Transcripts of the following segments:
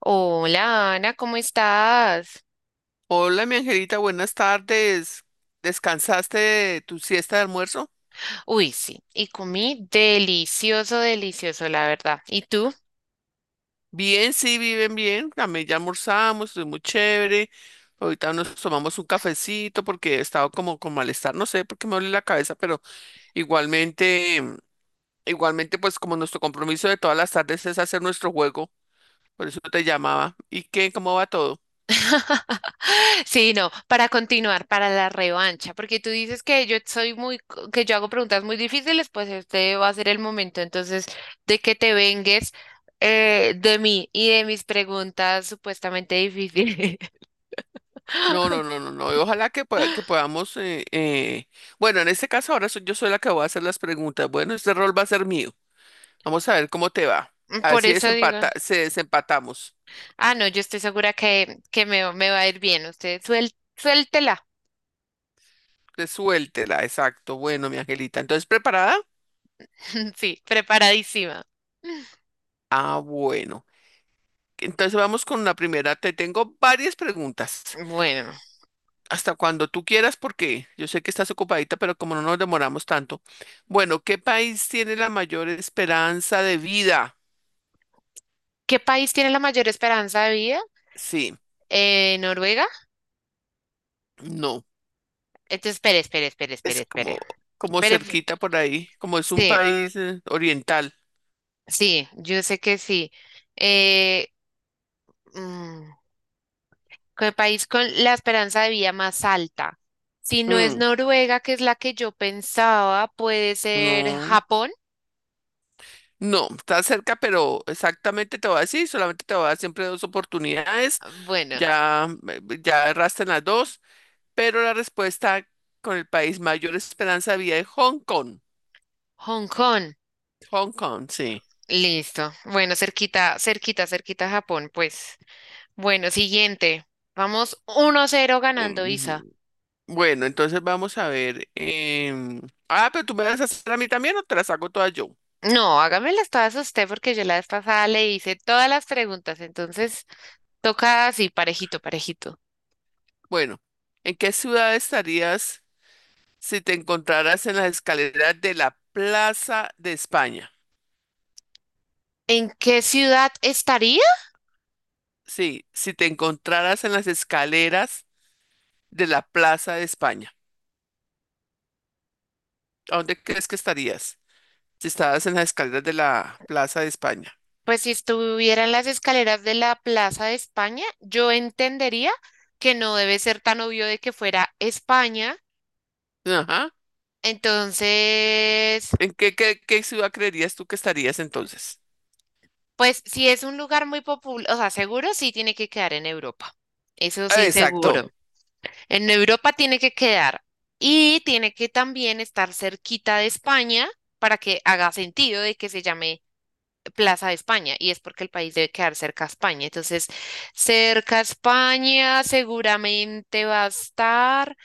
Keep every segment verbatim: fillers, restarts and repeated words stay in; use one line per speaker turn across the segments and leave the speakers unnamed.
Hola Ana, ¿cómo estás?
Hola, mi angelita, buenas tardes. ¿Descansaste de tu siesta de almuerzo?
Uy, sí, y comí delicioso, delicioso, la verdad. ¿Y tú?
Bien, sí, viven bien. También ya almorzamos, estoy muy chévere. Ahorita nos tomamos un cafecito porque he estado como con malestar, no sé por qué me duele la cabeza, pero igualmente, mm, igualmente, pues como nuestro compromiso de todas las tardes es hacer nuestro juego, por eso te llamaba. ¿Y qué? ¿Cómo va todo?
Sí, no, para continuar, para la revancha, porque tú dices que yo soy muy, co- que yo hago preguntas muy difíciles, pues este va a ser el momento entonces de que te vengues eh, de mí y de mis preguntas supuestamente difíciles.
No, no, no, no, no. y Ojalá que, pueda- que podamos, eh, eh, bueno, en este caso ahora soy, yo soy la que voy a hacer las preguntas. Bueno, este rol va a ser mío. Vamos a ver cómo te va. A ver
Por
si
eso digo,
desempata, se desempatamos.
ah, no, yo estoy segura que, que me, me va a ir bien. Usted suel, suéltela.
Resuéltela, exacto. Bueno, mi angelita. Entonces, ¿preparada?
Sí, preparadísima.
Ah, bueno. Entonces vamos con la primera. Te tengo varias preguntas.
Bueno,
Hasta cuando tú quieras, porque yo sé que estás ocupadita, pero como no nos demoramos tanto. Bueno, ¿qué país tiene la mayor esperanza de vida?
¿qué país tiene la mayor esperanza de vida?
Sí,
Eh, Noruega.
no.
Entonces, espere, espere, espere, espere,
Es como,
espere.
como
Espere,
cerquita por ahí, como es un
sí,
país eh, oriental.
sí, yo sé que sí. Eh, mm, ¿qué país con la esperanza de vida más alta? Si no es
Mm,
Noruega, que es la que yo pensaba, puede ser
no.
Japón.
No, está cerca, pero exactamente te voy a decir, solamente te voy a dar siempre dos oportunidades,
Bueno,
ya, eh, eh, ya erraste en las dos, pero la respuesta con el país mayor esperanza de vida es Hong Kong.
Hong Kong.
Hong Kong, sí.
Listo. Bueno, cerquita, cerquita, cerquita a Japón, pues. Bueno, siguiente. Vamos uno cero ganando Isa.
Mm, Bueno, entonces vamos a ver. em, Ah, pero tú me vas a hacer a mí también o te las hago todas yo.
No, hágamelas todas a usted porque yo la vez pasada le hice todas las preguntas, entonces toca así, parejito, parejito.
Bueno, ¿en qué ciudad estarías si te encontraras en las escaleras de la Plaza de España?
¿En qué ciudad estaría?
Sí, si te encontraras en las escaleras de la Plaza de España. ¿A dónde crees que estarías? Si estabas en las escaleras de la Plaza de España.
Pues si estuviera en las escaleras de la Plaza de España, yo entendería que no debe ser tan obvio de que fuera España.
Ajá.
Entonces,
¿En qué, qué, qué ciudad creerías tú que estarías entonces?
pues si es un lugar muy popular, o sea, seguro sí tiene que quedar en Europa. Eso
Ah,
sí,
Exacto.
seguro. En Europa tiene que quedar y tiene que también estar cerquita de España para que haga sentido de que se llame Plaza de España y es porque el país debe quedar cerca a España. Entonces, cerca a España seguramente va a estar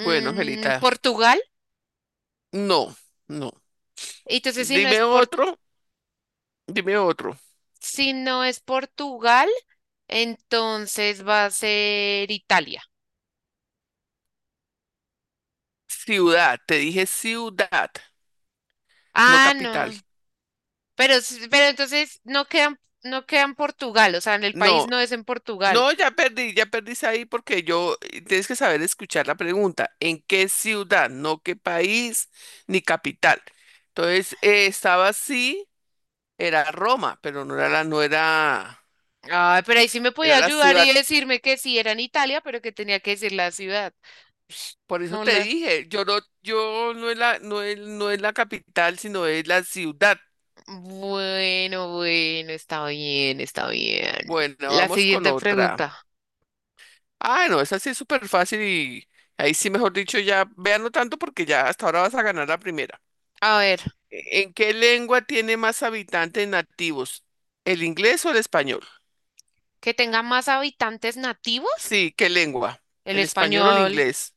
Bueno, Angelita,
Portugal.
no, no.
Entonces, si no es
Dime
por,
otro, dime otro.
si no es Portugal, entonces va a ser Italia.
Ciudad, te dije ciudad, no
Ah,
capital.
no. Pero, s- pero entonces no quedan, no quedan Portugal, o sea, en el país
No,
no es en Portugal.
no, ya perdí, ya perdís ahí porque yo eh, tienes que saber escuchar la pregunta. ¿En qué ciudad? No qué país ni capital. Entonces, eh, estaba así era Roma, pero no era la, no era,
Ay, pero ahí sí me podía
era la
ayudar y
ciudad.
decirme que sí era en Italia, pero que tenía que decir la ciudad.
Por eso
No
te
la...
dije, yo no, yo no es la, no es, no es la capital, sino es la ciudad.
Bueno, bueno, está bien, está bien.
Bueno,
La
vamos con
siguiente
otra.
pregunta.
Ah, no, esa sí es súper fácil y ahí sí, mejor dicho, ya véanlo tanto porque ya hasta ahora vas a ganar la primera.
A ver,
¿En qué lengua tiene más habitantes nativos? ¿El inglés o el español?
que tenga más habitantes nativos.
Sí, ¿qué lengua?
El
¿El español o el
español.
inglés?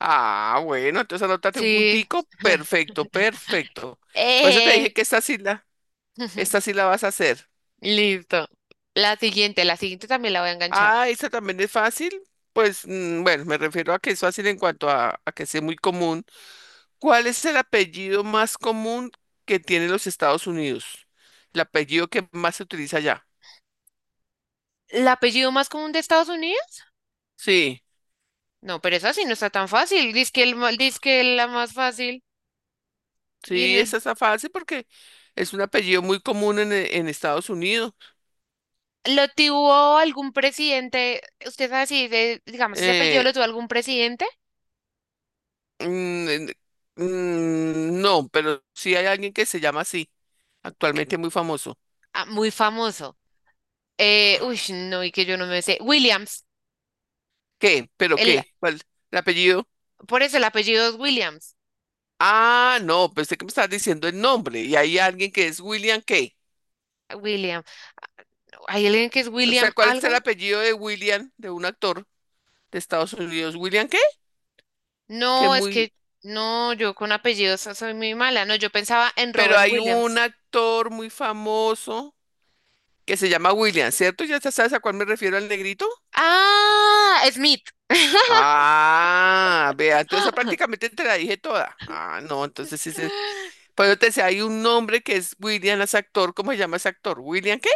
Ah, bueno, entonces anótate un
Sí.
puntico. Perfecto, perfecto. Por eso te
Eh.
dije que esta sí la, esta sí la vas a hacer.
Listo. La siguiente, la siguiente también la voy a enganchar.
Ah, esta también es fácil. Pues mm, bueno, me refiero a que es fácil en cuanto a, a que sea muy común. ¿Cuál es el apellido más común que tienen los Estados Unidos? El apellido que más se utiliza allá.
¿El apellido más común de Estados Unidos?
Sí,
No, pero esa sí no está tan fácil. Dice que, el, ma- dizque la más fácil. Y
sí,
no-
esta está fácil porque es un apellido muy común en, en Estados Unidos.
¿Lo tuvo algún presidente? Usted sabe si, de- digamos, ese apellido
Eh,
lo tuvo algún presidente.
Mm, mm, no, pero sí hay alguien que se llama así, actualmente muy famoso.
Ah, muy famoso. Eh, uy, no, y que yo no me sé. Williams.
¿Qué? ¿Pero
El,
qué? ¿Cuál? ¿El apellido?
por eso el apellido es Williams.
Ah, no, pensé que me estabas diciendo el nombre. Y hay alguien que es William qué.
William. ¿Hay alguien que es
O
William
sea, ¿cuál es
algo?
el apellido de William, de un actor de Estados Unidos? ¿William qué? Que
No, es
muy.
que no, yo con apellidos so- soy muy mala. No, yo pensaba en
Pero
Robert
hay un
Williams.
actor muy famoso que se llama William, ¿cierto? ¿Ya te sabes a cuál me refiero al negrito?
Ah, Smith.
Ah, vea, entonces prácticamente te la dije toda. Ah, no, entonces sí, sí. Pero te decía, hay un nombre que es William, es actor. ¿Cómo se llama ese actor? ¿William qué?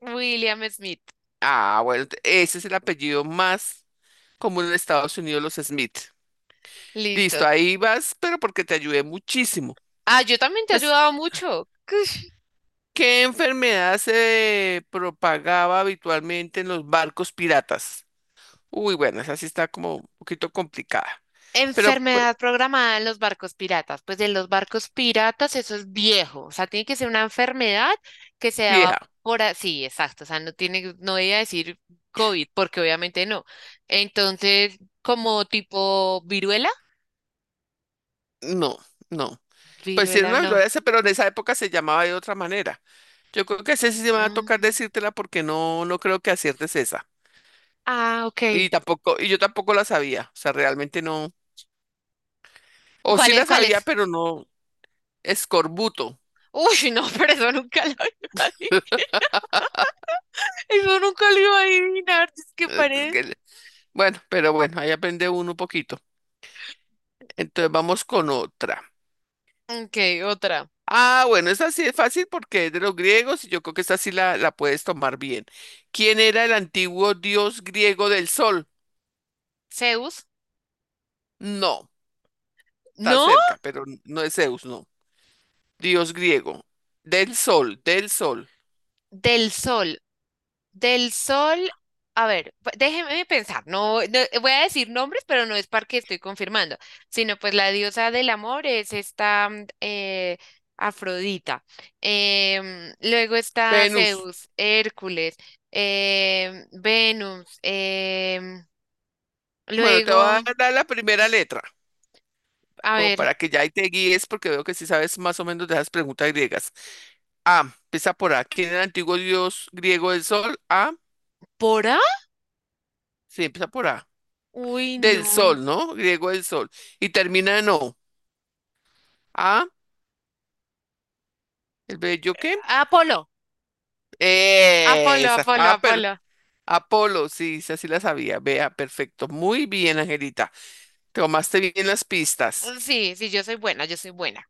William Smith.
Ah, bueno, te- ese es el apellido más común en Estados Unidos, los Smith. Listo,
Listo.
ahí vas, pero porque te ayudé muchísimo.
Ah, yo también te he
Entonces,
ayudado mucho.
¿Qué enfermedad se propagaba habitualmente en los barcos piratas? Uy, bueno, esa sí está como un poquito complicada. Pero, pues,
Enfermedad programada en los barcos piratas. Pues en los barcos piratas eso es viejo, o sea, tiene que ser una enfermedad que se daba
vieja,
por así, exacto, o sea, no tiene, no voy a decir COVID, porque obviamente no. Entonces, como tipo viruela,
no, no. Pues sí, era
viruela
una
no.
gloria, pero en esa época se llamaba de otra manera. Yo creo que ese sí se me va a tocar
Mm.
decírtela porque no, no creo que aciertes esa.
Ah, ok.
Y tampoco, y yo tampoco la sabía. O sea, realmente no. O
¿Cuál
sí
es?
la
¿Cuál
sabía,
es?
pero no. Escorbuto.
Uy, no, pero eso nunca lo iba a adivinar. Eso nunca lo iba a adivinar, es que
Eh,
parece.
que le- Bueno, pero bueno, ahí aprende uno un poquito. Entonces vamos con otra.
Ok, otra.
Ah, bueno, esta sí es fácil porque es de los griegos y yo creo que esta sí la, la puedes tomar bien. ¿Quién era el antiguo dios griego del sol?
Zeus.
No, está
No,
cerca, pero n- no es Zeus, no. Dios griego. Del sol, del sol.
del sol. Del sol, a ver, pa- déjeme pensar, no, no- voy a decir nombres, pero no es porque estoy confirmando, sino pues la diosa del amor es esta, mm, eh, Afrodita. Em, luego está
Venus.
Zeus, Hércules, em, Venus, em,
Bueno, te voy
luego,
a dar la primera letra,
a
como
ver,
para que ya ahí te guíes, porque veo que sí sabes más o menos de esas preguntas griegas. A, empieza por A. ¿Quién era el antiguo dios griego del sol? A,
¿Pora?
sí, empieza por A.
Uy, no.
Del sol, ¿no? Griego del sol. Y termina en O. A, ¿el bello qué?
Apolo, Apolo,
Esa.
Apolo,
A, pero
Apolo.
Apolo, sí, esa sí la sabía. Vea, perfecto. Muy bien, Angelita. Tomaste bien las pistas.
Sí, sí, yo soy buena, yo soy buena.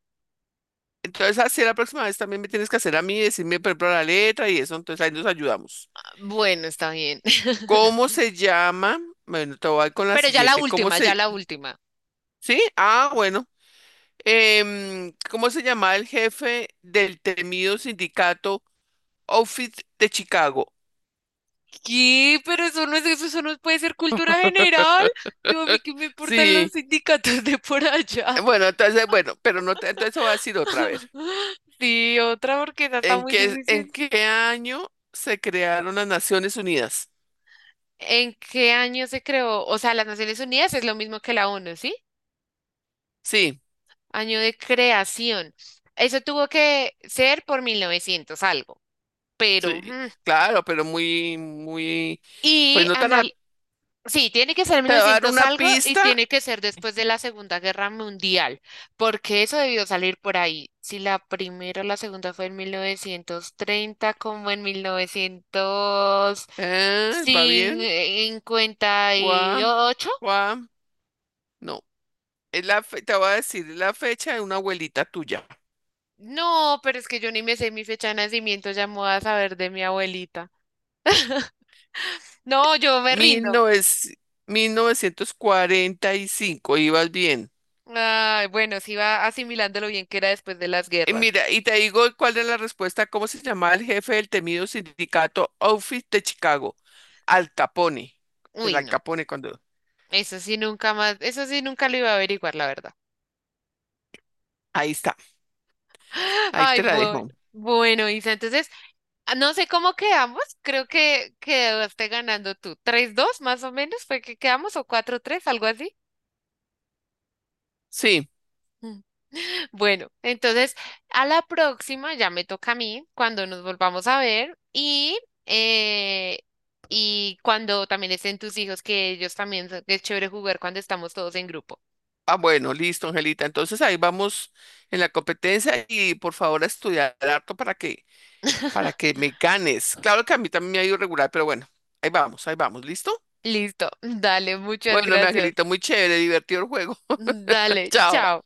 Entonces, así la próxima vez también me tienes que hacer a mí, decirme, por ejemplo, la letra y eso. Entonces, ahí nos ayudamos.
Bueno, está bien.
¿Cómo se llama? Bueno, te voy con la
Pero ya la
siguiente. ¿Cómo
última, ya
se?
la última.
Sí, ah, bueno. Em, ¿cómo se llamaba el jefe del temido sindicato Outfit de Chicago?
¿Qué? Pero eso no es eso, eso no puede ser cultura general. Yo a mí que me importan los
Sí,
sindicatos de por allá.
bueno, entonces, bueno, pero no te, entonces voy a decir otra vez.
Sí, otra porque esa está
¿En
muy
qué, en
difícil.
qué año se crearon las Naciones Unidas?
¿En qué año se creó? O sea, las Naciones Unidas es lo mismo que la ONU, ¿sí?
Sí,
Año de creación. Eso tuvo que ser por mil novecientos algo, pero...
sí,
hmm.
claro, pero muy, muy,
Y
pues no tan. a-
anal. Sí, tiene que ser mil
Te voy a dar
novecientos
una
algo y
pista.
tiene que ser después de la Segunda Guerra Mundial, porque eso debió salir por ahí. Si la primera o la segunda fue en mil novecientos treinta como en mil novecientos
Ah, ¿va bien?
cincuenta y
Guam,
ocho.
guam. No, es la fe- te voy a decir, es la fecha de una abuelita tuya.
No, pero es que yo ni me sé mi fecha de nacimiento, ya me voy a saber de mi abuelita. No, yo me
mil
rindo.
novecientos mil novecientos cuarenta y cinco ibas bien.
Ay, bueno, sí va asimilando lo bien que era después de las
Y
guerras.
mira, y te digo cuál es la respuesta, cómo se llamaba el jefe del temido sindicato Outfit de Chicago, Al Capone. El
Uy,
Al
no,
Capone cuando.
eso sí nunca más, eso sí nunca lo iba a averiguar, la verdad.
Ahí está, ahí
Ay,
te la
bueno.
dejo.
Bueno, Isa, entonces, ah, no sé cómo quedamos, creo que quedaste ganando tú. Tres dos, más o menos fue que quedamos o cuatro tres, algo así.
Sí.
Mm. Bueno, entonces a la próxima ya me toca a mí cuando nos volvamos a ver y, eh, y cuando también estén tus hijos, que ellos también son- que es chévere jugar cuando estamos todos en grupo.
Ah, bueno, listo, Angelita. Entonces ahí vamos en la competencia y por favor a estudiar harto para que, para que, me ganes. Claro que a mí también me ha ido regular, pero bueno, ahí vamos, ahí vamos, ¿listo?
Listo, dale, muchas
Bueno, mi
gracias.
Angelita, muy chévere, divertido el juego.
Dale,
Chao.
chao.